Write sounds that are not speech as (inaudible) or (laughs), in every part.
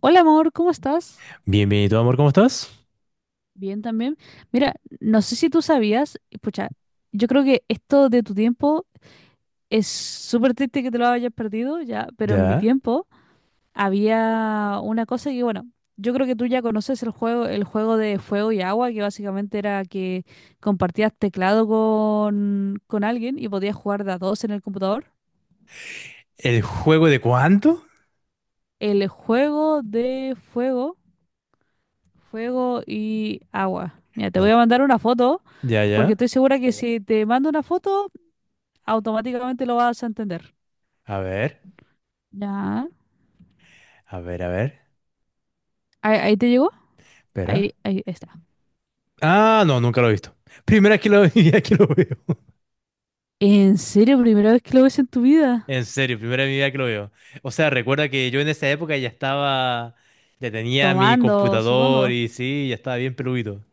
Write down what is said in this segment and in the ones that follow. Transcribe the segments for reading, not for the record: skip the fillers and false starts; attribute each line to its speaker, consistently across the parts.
Speaker 1: Hola amor, ¿cómo estás?
Speaker 2: Bienvenido, amor, ¿cómo estás?
Speaker 1: Bien también. Mira, no sé si tú sabías, y pucha, yo creo que esto de tu tiempo es súper triste que te lo hayas perdido ya, pero en mi
Speaker 2: Ya.
Speaker 1: tiempo había una cosa que, bueno, yo creo que tú ya conoces el juego de fuego y agua, que básicamente era que compartías teclado con alguien y podías jugar de a dos en el computador.
Speaker 2: ¿El juego de cuánto?
Speaker 1: El juego de fuego Fuego y agua. Mira, te voy
Speaker 2: No.
Speaker 1: a mandar una foto
Speaker 2: Ya,
Speaker 1: porque
Speaker 2: ya.
Speaker 1: estoy segura que si te mando una foto, automáticamente lo vas a entender.
Speaker 2: A ver,
Speaker 1: Ya.
Speaker 2: a ver, a ver.
Speaker 1: ¿Ahí te llegó? Ahí,
Speaker 2: Espera.
Speaker 1: ahí está.
Speaker 2: Ah, no, nunca lo he visto. Primera que lo, (laughs) vida que lo veo.
Speaker 1: ¿En serio? ¿Primera vez que lo ves en tu vida?
Speaker 2: En serio, primera vez en mi vida que lo veo. O sea, recuerda que yo en esa época ya estaba, ya tenía mi
Speaker 1: Tomando,
Speaker 2: computador
Speaker 1: supongo.
Speaker 2: y sí, ya estaba bien peludito.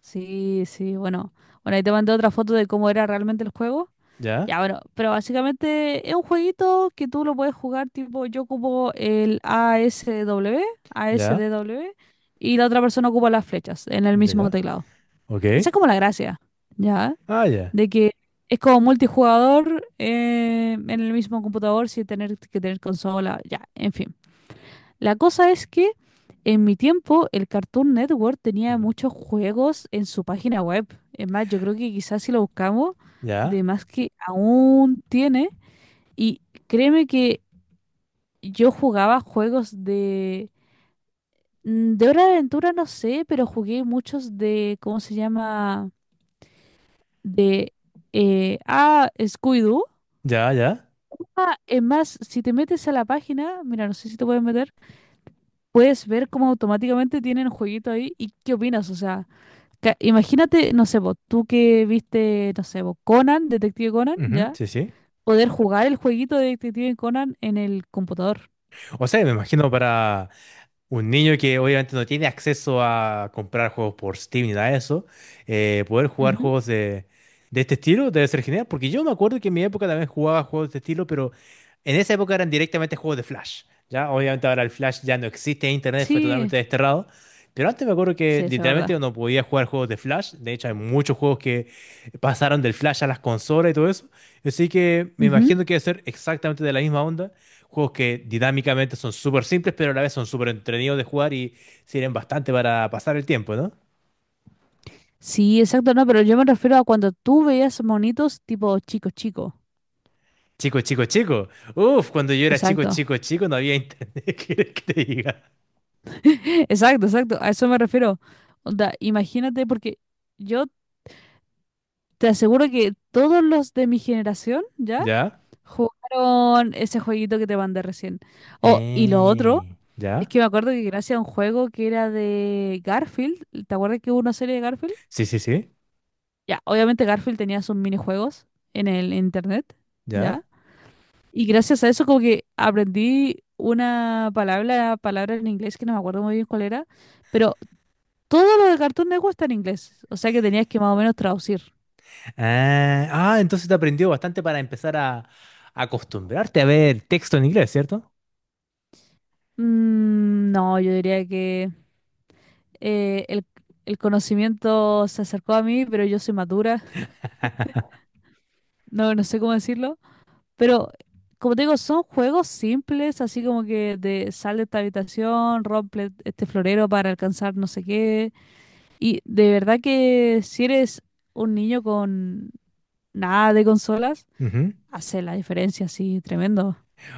Speaker 1: Sí, sí, bueno. Bueno, ahí te mandé otra foto de cómo era realmente el juego.
Speaker 2: Ya,
Speaker 1: Ya, bueno, pero básicamente es un jueguito que tú lo puedes jugar tipo, yo ocupo el A S
Speaker 2: ya,
Speaker 1: D W y la otra persona ocupa las flechas en el
Speaker 2: ya,
Speaker 1: mismo
Speaker 2: ya.
Speaker 1: teclado.
Speaker 2: Ok.
Speaker 1: Esa es como la gracia, ¿ya?
Speaker 2: Ah, ya.
Speaker 1: De que es como multijugador en el mismo computador sin tener que tener consola, ya, en fin. La cosa es que en mi tiempo el Cartoon Network tenía
Speaker 2: Ujú.
Speaker 1: muchos juegos en su página web. Es más, yo creo que quizás si lo buscamos, de
Speaker 2: Ya,
Speaker 1: más que aún tiene. Y créeme que yo jugaba juegos de Hora de Aventura, no sé, pero jugué muchos de, ¿cómo se llama? De Scooby-Doo.
Speaker 2: ya, ya.
Speaker 1: Ah, es más, si te metes a la página, mira, no sé si te puedes meter, puedes ver cómo automáticamente tienen un jueguito ahí y qué opinas. O sea, imagínate, no sé, vos, tú que viste, no sé, vos, Conan, Detective Conan,
Speaker 2: Ujú,
Speaker 1: ¿ya?
Speaker 2: sí, sí.
Speaker 1: Poder jugar el jueguito de Detective Conan en el computador.
Speaker 2: O sea, me imagino, para un niño que obviamente no tiene acceso a comprar juegos por Steam ni nada de eso, poder jugar
Speaker 1: Ujú.
Speaker 2: juegos de este estilo debe ser genial, porque yo me acuerdo que en mi época también jugaba juegos de este estilo, pero en esa época eran directamente juegos de Flash, ¿ya? Obviamente ahora el Flash ya no existe, Internet fue
Speaker 1: Sí,
Speaker 2: totalmente desterrado, pero antes me acuerdo
Speaker 1: sí,
Speaker 2: que
Speaker 1: eso es verdad.
Speaker 2: literalmente uno podía jugar juegos de Flash. De hecho, hay muchos juegos que pasaron del Flash a las consolas y todo eso, así que me
Speaker 1: Ujú.
Speaker 2: imagino que debe ser exactamente de la misma onda, juegos que dinámicamente son súper simples, pero a la vez son súper entretenidos de jugar y sirven bastante para pasar el tiempo, ¿no?
Speaker 1: Sí, exacto, no, pero yo me refiero a cuando tú veías monitos tipo chico chico.
Speaker 2: Chico, chico, chico. Uf, cuando yo era chico,
Speaker 1: Exacto.
Speaker 2: chico, chico, no había internet. (laughs) ¿Qué quieres que te diga?
Speaker 1: (laughs) Exacto, exacto. A eso me refiero. Onda, imagínate, porque yo te aseguro que todos los de mi generación ya
Speaker 2: ¿Ya?
Speaker 1: jugaron ese jueguito que te mandé recién. Oh, y lo otro,
Speaker 2: Eh,
Speaker 1: es
Speaker 2: ¿ya?
Speaker 1: que me acuerdo que gracias a un juego que era de Garfield, ¿te acuerdas que hubo una serie de Garfield?
Speaker 2: Sí, sí, sí.
Speaker 1: Ya, obviamente Garfield tenía sus minijuegos en el internet, ¿ya?
Speaker 2: ¿Ya?
Speaker 1: Y gracias a eso como que aprendí una palabra, palabra en inglés que no me acuerdo muy bien cuál era, pero todo lo de Cartoon Network está en inglés, o sea que tenías que más o menos traducir.
Speaker 2: Ah, ah, entonces te aprendió bastante para empezar a acostumbrarte a ver texto en inglés, ¿cierto?
Speaker 1: Mm, no, yo diría que eh, el, el conocimiento se acercó a mí, pero yo soy madura, (laughs) no, no sé cómo decirlo. Pero, como te digo, son juegos simples, así como que de sal de esta habitación, rompe este florero para alcanzar no sé qué. Y de verdad que si eres un niño con nada de consolas,
Speaker 2: Ujú.
Speaker 1: hace la diferencia así tremendo.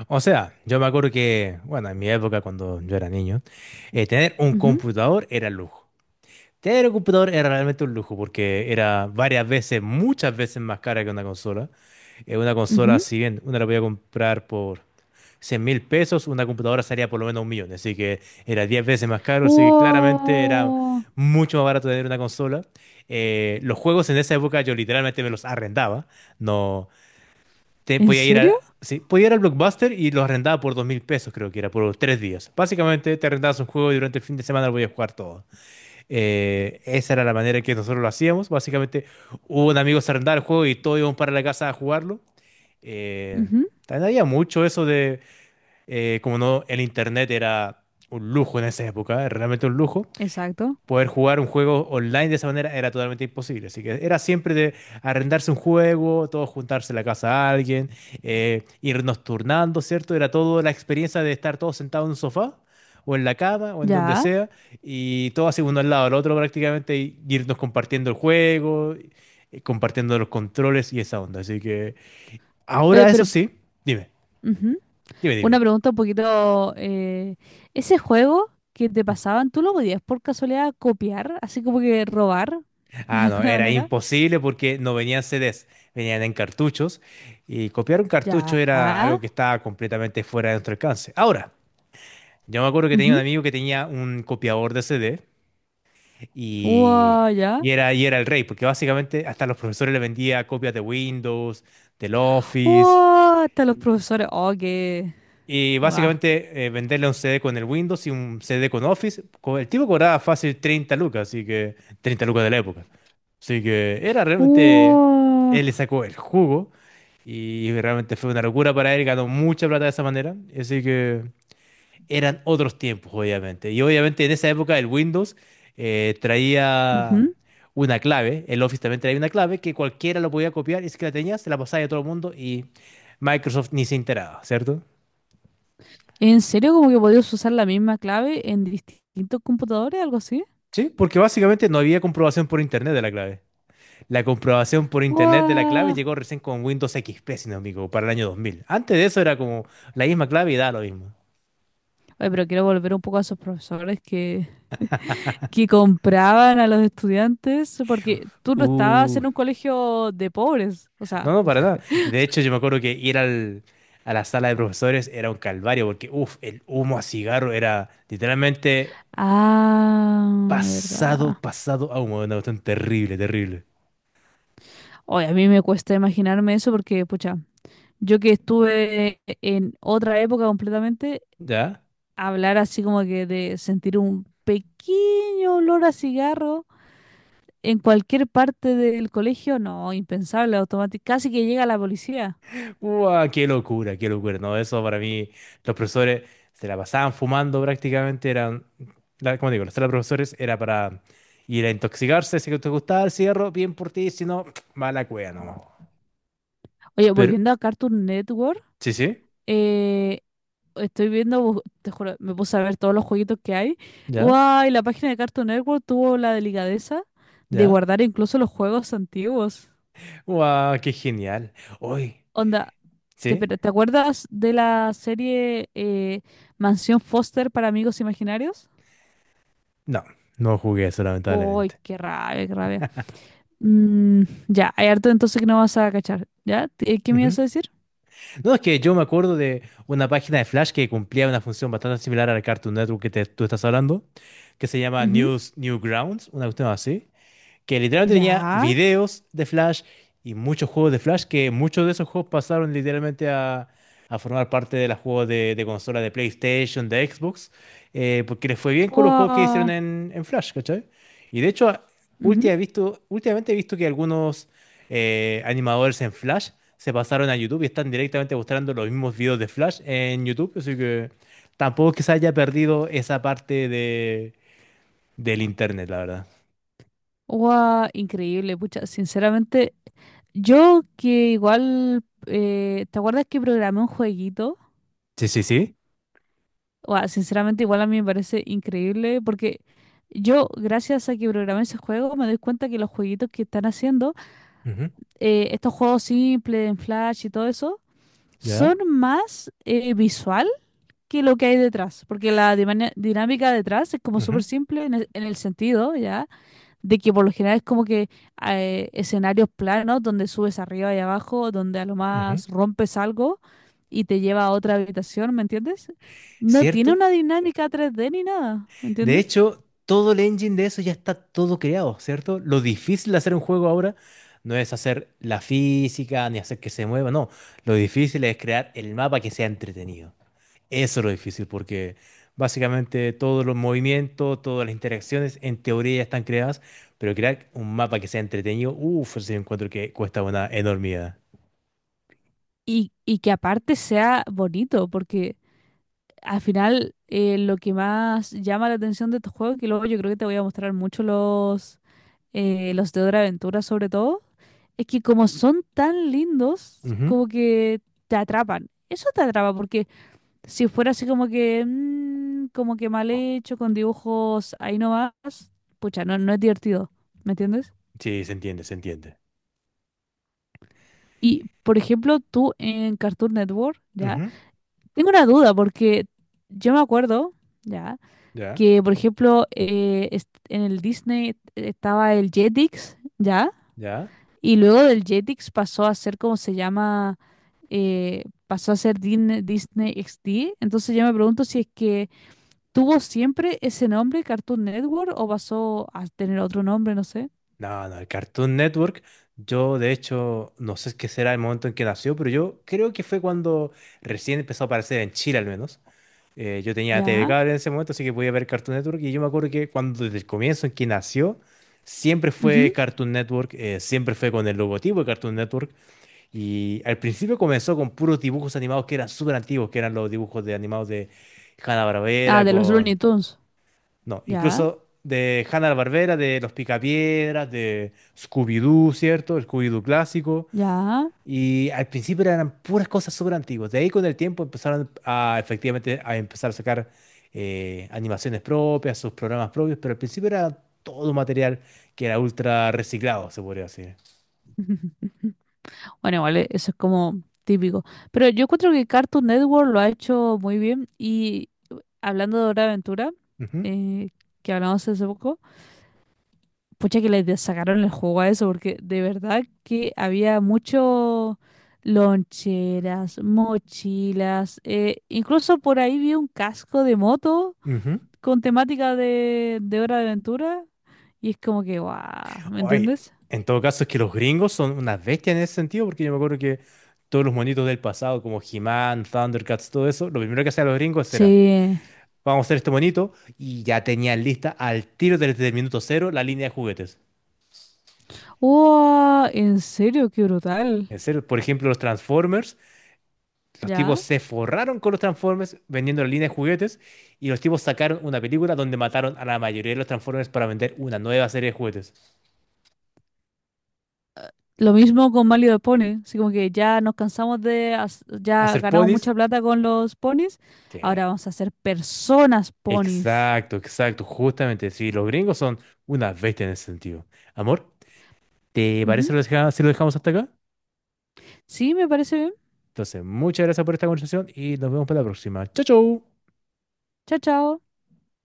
Speaker 2: O sea, yo me acuerdo que, bueno, en mi época cuando yo era niño, tener un
Speaker 1: Ujú,
Speaker 2: computador era lujo. Tener un computador era realmente un lujo porque era varias veces, muchas veces más cara que una consola. Una consola,
Speaker 1: ujú.
Speaker 2: si bien una la podía comprar por 100 mil pesos, una computadora salía por lo menos un millón. Así que era 10 veces más caro. Así que claramente era
Speaker 1: Wow.
Speaker 2: mucho más barato tener una consola. Los juegos en esa época yo literalmente me los arrendaba. No,
Speaker 1: ¿En
Speaker 2: podía ir a,
Speaker 1: serio?
Speaker 2: sí, podía ir al Blockbuster y los arrendaba por 2.000 pesos, creo que era, por 3 días. Básicamente te arrendabas un juego y durante el fin de semana lo podías jugar todo. Esa era la manera en que nosotros lo hacíamos. Básicamente, un amigo se arrendaba el juego y todos íbamos para la casa a jugarlo. Eh,
Speaker 1: Ujú,
Speaker 2: también había mucho eso de, como no, el internet era un lujo en esa época, realmente un lujo,
Speaker 1: exacto.
Speaker 2: poder jugar un juego online de esa manera era totalmente imposible. Así que era siempre de arrendarse un juego, todos juntarse en la casa a alguien, irnos turnando, ¿cierto? Era toda la experiencia de estar todos sentados en un sofá o en la cama o en donde
Speaker 1: Ya.
Speaker 2: sea y todos así uno al lado del otro prácticamente y irnos compartiendo el juego, compartiendo los controles y esa onda. Así que
Speaker 1: Oye,
Speaker 2: ahora, eso
Speaker 1: pero
Speaker 2: sí, dime,
Speaker 1: ujú,
Speaker 2: dime,
Speaker 1: una
Speaker 2: dime.
Speaker 1: pregunta un poquito. Ese juego que te pasaban, ¿tú lo podías por casualidad copiar? Así como que robar, (laughs) de
Speaker 2: Ah, no,
Speaker 1: alguna
Speaker 2: era
Speaker 1: manera.
Speaker 2: imposible porque no venían CDs, venían en cartuchos y copiar un cartucho era algo
Speaker 1: Ya.
Speaker 2: que estaba completamente fuera de nuestro alcance. Ahora, yo me acuerdo que tenía un
Speaker 1: Ujú.
Speaker 2: amigo que tenía un copiador de CD, y,
Speaker 1: Wow, ya.
Speaker 2: y era el rey, porque básicamente hasta los profesores le vendía copias de Windows, del Office.
Speaker 1: Wow, hasta los profesores. Oh, qué.
Speaker 2: Y
Speaker 1: Wow.
Speaker 2: básicamente, venderle un CD con el Windows y un CD con Office. El tipo cobraba fácil 30 lucas, así que 30 lucas de la época. Así que era realmente,
Speaker 1: Wow.
Speaker 2: él le sacó el jugo y realmente fue una locura para él, ganó mucha plata de esa manera. Así que eran otros tiempos, obviamente. Y obviamente en esa época el Windows traía
Speaker 1: Ujú.
Speaker 2: una clave, el Office también traía una clave que cualquiera lo podía copiar, y si que la tenías, se la pasaba a todo el mundo y Microsoft ni se enteraba, ¿cierto?
Speaker 1: ¿En serio como que podías usar la misma clave en distintos computadores, algo así?
Speaker 2: Sí, porque básicamente no había comprobación por internet de la clave. La comprobación por internet de la clave
Speaker 1: Wow.
Speaker 2: llegó recién con Windows XP, si no me equivoco, para el año 2000. Antes de eso era como la misma clave y da lo mismo.
Speaker 1: Oye, pero quiero volver un poco a esos profesores que compraban a los estudiantes, porque tú no estabas
Speaker 2: Uh,
Speaker 1: en un colegio de pobres, o
Speaker 2: no,
Speaker 1: sea.
Speaker 2: no, para nada. Y de hecho yo me acuerdo que ir a la sala de profesores era un calvario, porque uff, el humo a cigarro era literalmente
Speaker 1: Ah,
Speaker 2: pasado,
Speaker 1: verdad.
Speaker 2: pasado a humo. Era una cuestión terrible, terrible.
Speaker 1: Oye, a mí me cuesta imaginarme eso porque, pucha, yo que estuve en otra época completamente,
Speaker 2: ¿Ya?
Speaker 1: hablar así como que de sentir un pequeño olor a cigarro en cualquier parte del colegio, no, impensable, automático, casi que llega la policía.
Speaker 2: ¡Uah, qué locura, qué locura! No, eso para mí, los profesores se la pasaban fumando prácticamente, eran, como digo, la sala de profesores era para ir a intoxicarse. Si te gustaba el cigarro, bien por ti; si no, (tsk) mala cueva nomás.
Speaker 1: Oye,
Speaker 2: Pero,
Speaker 1: volviendo a Cartoon Network,
Speaker 2: sí, sí,
Speaker 1: eh, estoy viendo, te juro, me puse a ver todos los jueguitos que hay.
Speaker 2: ya,
Speaker 1: ¡Guay! La página de Cartoon Network tuvo la delicadeza de
Speaker 2: ya.
Speaker 1: guardar incluso los juegos antiguos.
Speaker 2: ¡Uah, qué genial! Hoy,
Speaker 1: Onda,
Speaker 2: ¿sí?
Speaker 1: pero ¿te acuerdas de la serie Mansión Foster para amigos imaginarios?
Speaker 2: No, no jugué eso,
Speaker 1: ¡Uy,
Speaker 2: lamentablemente.
Speaker 1: qué rabia, qué rabia! Mm, ya, hay harto entonces que no vas a cachar. ¿Ya? ¿Qué me ibas a decir?
Speaker 2: No, es que yo me acuerdo de una página de Flash que cumplía una función bastante similar a la Cartoon Network que tú estás hablando, que se llama News Newgrounds, una cuestión así que literalmente tenía
Speaker 1: Ya.
Speaker 2: videos de Flash y muchos juegos de Flash, que muchos de esos juegos pasaron literalmente a formar parte de los juegos de consola de PlayStation, de Xbox, porque les fue bien con los juegos que hicieron
Speaker 1: Wow.
Speaker 2: en Flash, ¿cachai? Y de hecho,
Speaker 1: Ujú.
Speaker 2: últimamente he visto que algunos animadores en Flash se pasaron a YouTube y están directamente mostrando los mismos videos de Flash en YouTube, así que tampoco es que se haya perdido esa parte del internet, la verdad.
Speaker 1: Guau, increíble, pucha. Sinceramente, yo que igual, ¿te acuerdas que programé un jueguito?
Speaker 2: Sí, sí, sí.
Speaker 1: Guau, sinceramente, igual a mí me parece increíble porque yo, gracias a que programé ese juego, me doy cuenta que los jueguitos que están haciendo, estos juegos simples en Flash y todo eso,
Speaker 2: ¿Ya?
Speaker 1: son más visual que lo que hay detrás, porque la dinámica detrás es como súper
Speaker 2: Ujú,
Speaker 1: simple en el sentido, ¿ya? De que por lo general es como que escenarios planos donde subes arriba y abajo, donde a lo
Speaker 2: ujú.
Speaker 1: más rompes algo y te lleva a otra habitación, ¿me entiendes? No tiene
Speaker 2: ¿Cierto?
Speaker 1: una dinámica 3D ni nada, ¿me
Speaker 2: De
Speaker 1: entiendes?
Speaker 2: hecho, todo el engine de eso ya está todo creado, ¿cierto? Lo difícil de hacer un juego ahora no es hacer la física ni hacer que se mueva, no. Lo difícil es crear el mapa que sea entretenido. Eso es lo difícil porque básicamente todos los movimientos, todas las interacciones en teoría ya están creadas, pero crear un mapa que sea entretenido, uff, ese encuentro que cuesta una enormidad.
Speaker 1: Y que aparte sea bonito, porque al final lo que más llama la atención de estos juegos, que luego yo creo que te voy a mostrar mucho los de Dora Aventura sobre todo, es que como son tan lindos,
Speaker 2: Ujú.
Speaker 1: como que te atrapan. Eso te atrapa porque si fuera así como que, mm, como que mal hecho, con dibujos ahí nomás, pucha, no, no es divertido, ¿me entiendes?
Speaker 2: Sí, se entiende, se entiende.
Speaker 1: Y, por ejemplo, tú en Cartoon Network, ¿ya?
Speaker 2: Ujú.
Speaker 1: Tengo una duda, porque yo me acuerdo, ¿ya?
Speaker 2: ¿Ya?
Speaker 1: Que, por ejemplo, en el Disney estaba el Jetix, ¿ya?
Speaker 2: ¿Ya?
Speaker 1: Y luego del Jetix pasó a ser como se llama, pasó a ser Disney XD. Entonces yo me pregunto si es que, ¿tuvo siempre ese nombre, Cartoon Network, o pasó a tener otro nombre, no sé?
Speaker 2: No, no, el Cartoon Network, yo de hecho no sé qué será el momento en que nació, pero yo creo que fue cuando recién empezó a aparecer en Chile al menos. Yo tenía TV
Speaker 1: Ya.
Speaker 2: Cable en ese momento, así que podía ver Cartoon Network, y yo me acuerdo que cuando desde el comienzo en que nació, siempre fue
Speaker 1: Ujú.
Speaker 2: Cartoon Network, siempre fue con el logotipo de Cartoon Network, y al principio comenzó con puros dibujos animados que eran súper antiguos, que eran los dibujos de animados de
Speaker 1: Ah,
Speaker 2: Hanna-Barbera.
Speaker 1: de los Looney Tunes.
Speaker 2: No,
Speaker 1: Ya,
Speaker 2: incluso de Hanna-Barbera, de Los Picapiedras, de Scooby-Doo, ¿cierto? El Scooby-Doo clásico.
Speaker 1: ya.
Speaker 2: Y al principio eran puras cosas súper antiguas. De ahí con el tiempo empezaron a, efectivamente, a empezar a sacar animaciones propias, sus programas propios, pero al principio era todo material que era ultra reciclado, se podría decir.
Speaker 1: (laughs) Bueno, vale, eso es como típico. Pero yo encuentro que Cartoon Network lo ha hecho muy bien. Y hablando de Hora de Aventura,
Speaker 2: Ujú,
Speaker 1: eh, que hablamos hace poco. Pucha que les sacaron el juego a eso, porque de verdad que había mucho loncheras, mochilas, incluso por ahí vi un casco de moto
Speaker 2: ujú.
Speaker 1: con temática de, Hora de Aventura, y es como que, guau, ¿me
Speaker 2: Oye,
Speaker 1: entiendes?
Speaker 2: en todo caso es que los gringos son unas bestias en ese sentido, porque yo me acuerdo que todos los monitos del pasado, como He-Man, Thundercats, todo eso, lo primero que hacían los gringos era:
Speaker 1: Sí.
Speaker 2: "Vamos a hacer esto bonito". Y ya tenían lista al tiro desde el minuto cero la línea de juguetes.
Speaker 1: ¡Wow! En serio, qué brutal.
Speaker 2: En serio, por ejemplo, los Transformers, los tipos
Speaker 1: ¿Ya?
Speaker 2: se forraron con los Transformers vendiendo la línea de juguetes, y los tipos sacaron una película donde mataron a la mayoría de los Transformers para vender una nueva serie de juguetes.
Speaker 1: Lo mismo con Mario de Pony, así como que ya nos cansamos de, ya
Speaker 2: ¿Hacer
Speaker 1: ganamos
Speaker 2: ponis?
Speaker 1: mucha plata con los ponis,
Speaker 2: Sí.
Speaker 1: ahora vamos a hacer personas ponis.
Speaker 2: Exacto, exacto, justamente. Sí, los gringos son una bestia en ese sentido. Amor, ¿te parece si lo dejamos hasta acá?
Speaker 1: Sí, me parece bien.
Speaker 2: Entonces, muchas gracias por esta conversación y nos vemos para la próxima. Chau, chau.
Speaker 1: Chao, chao.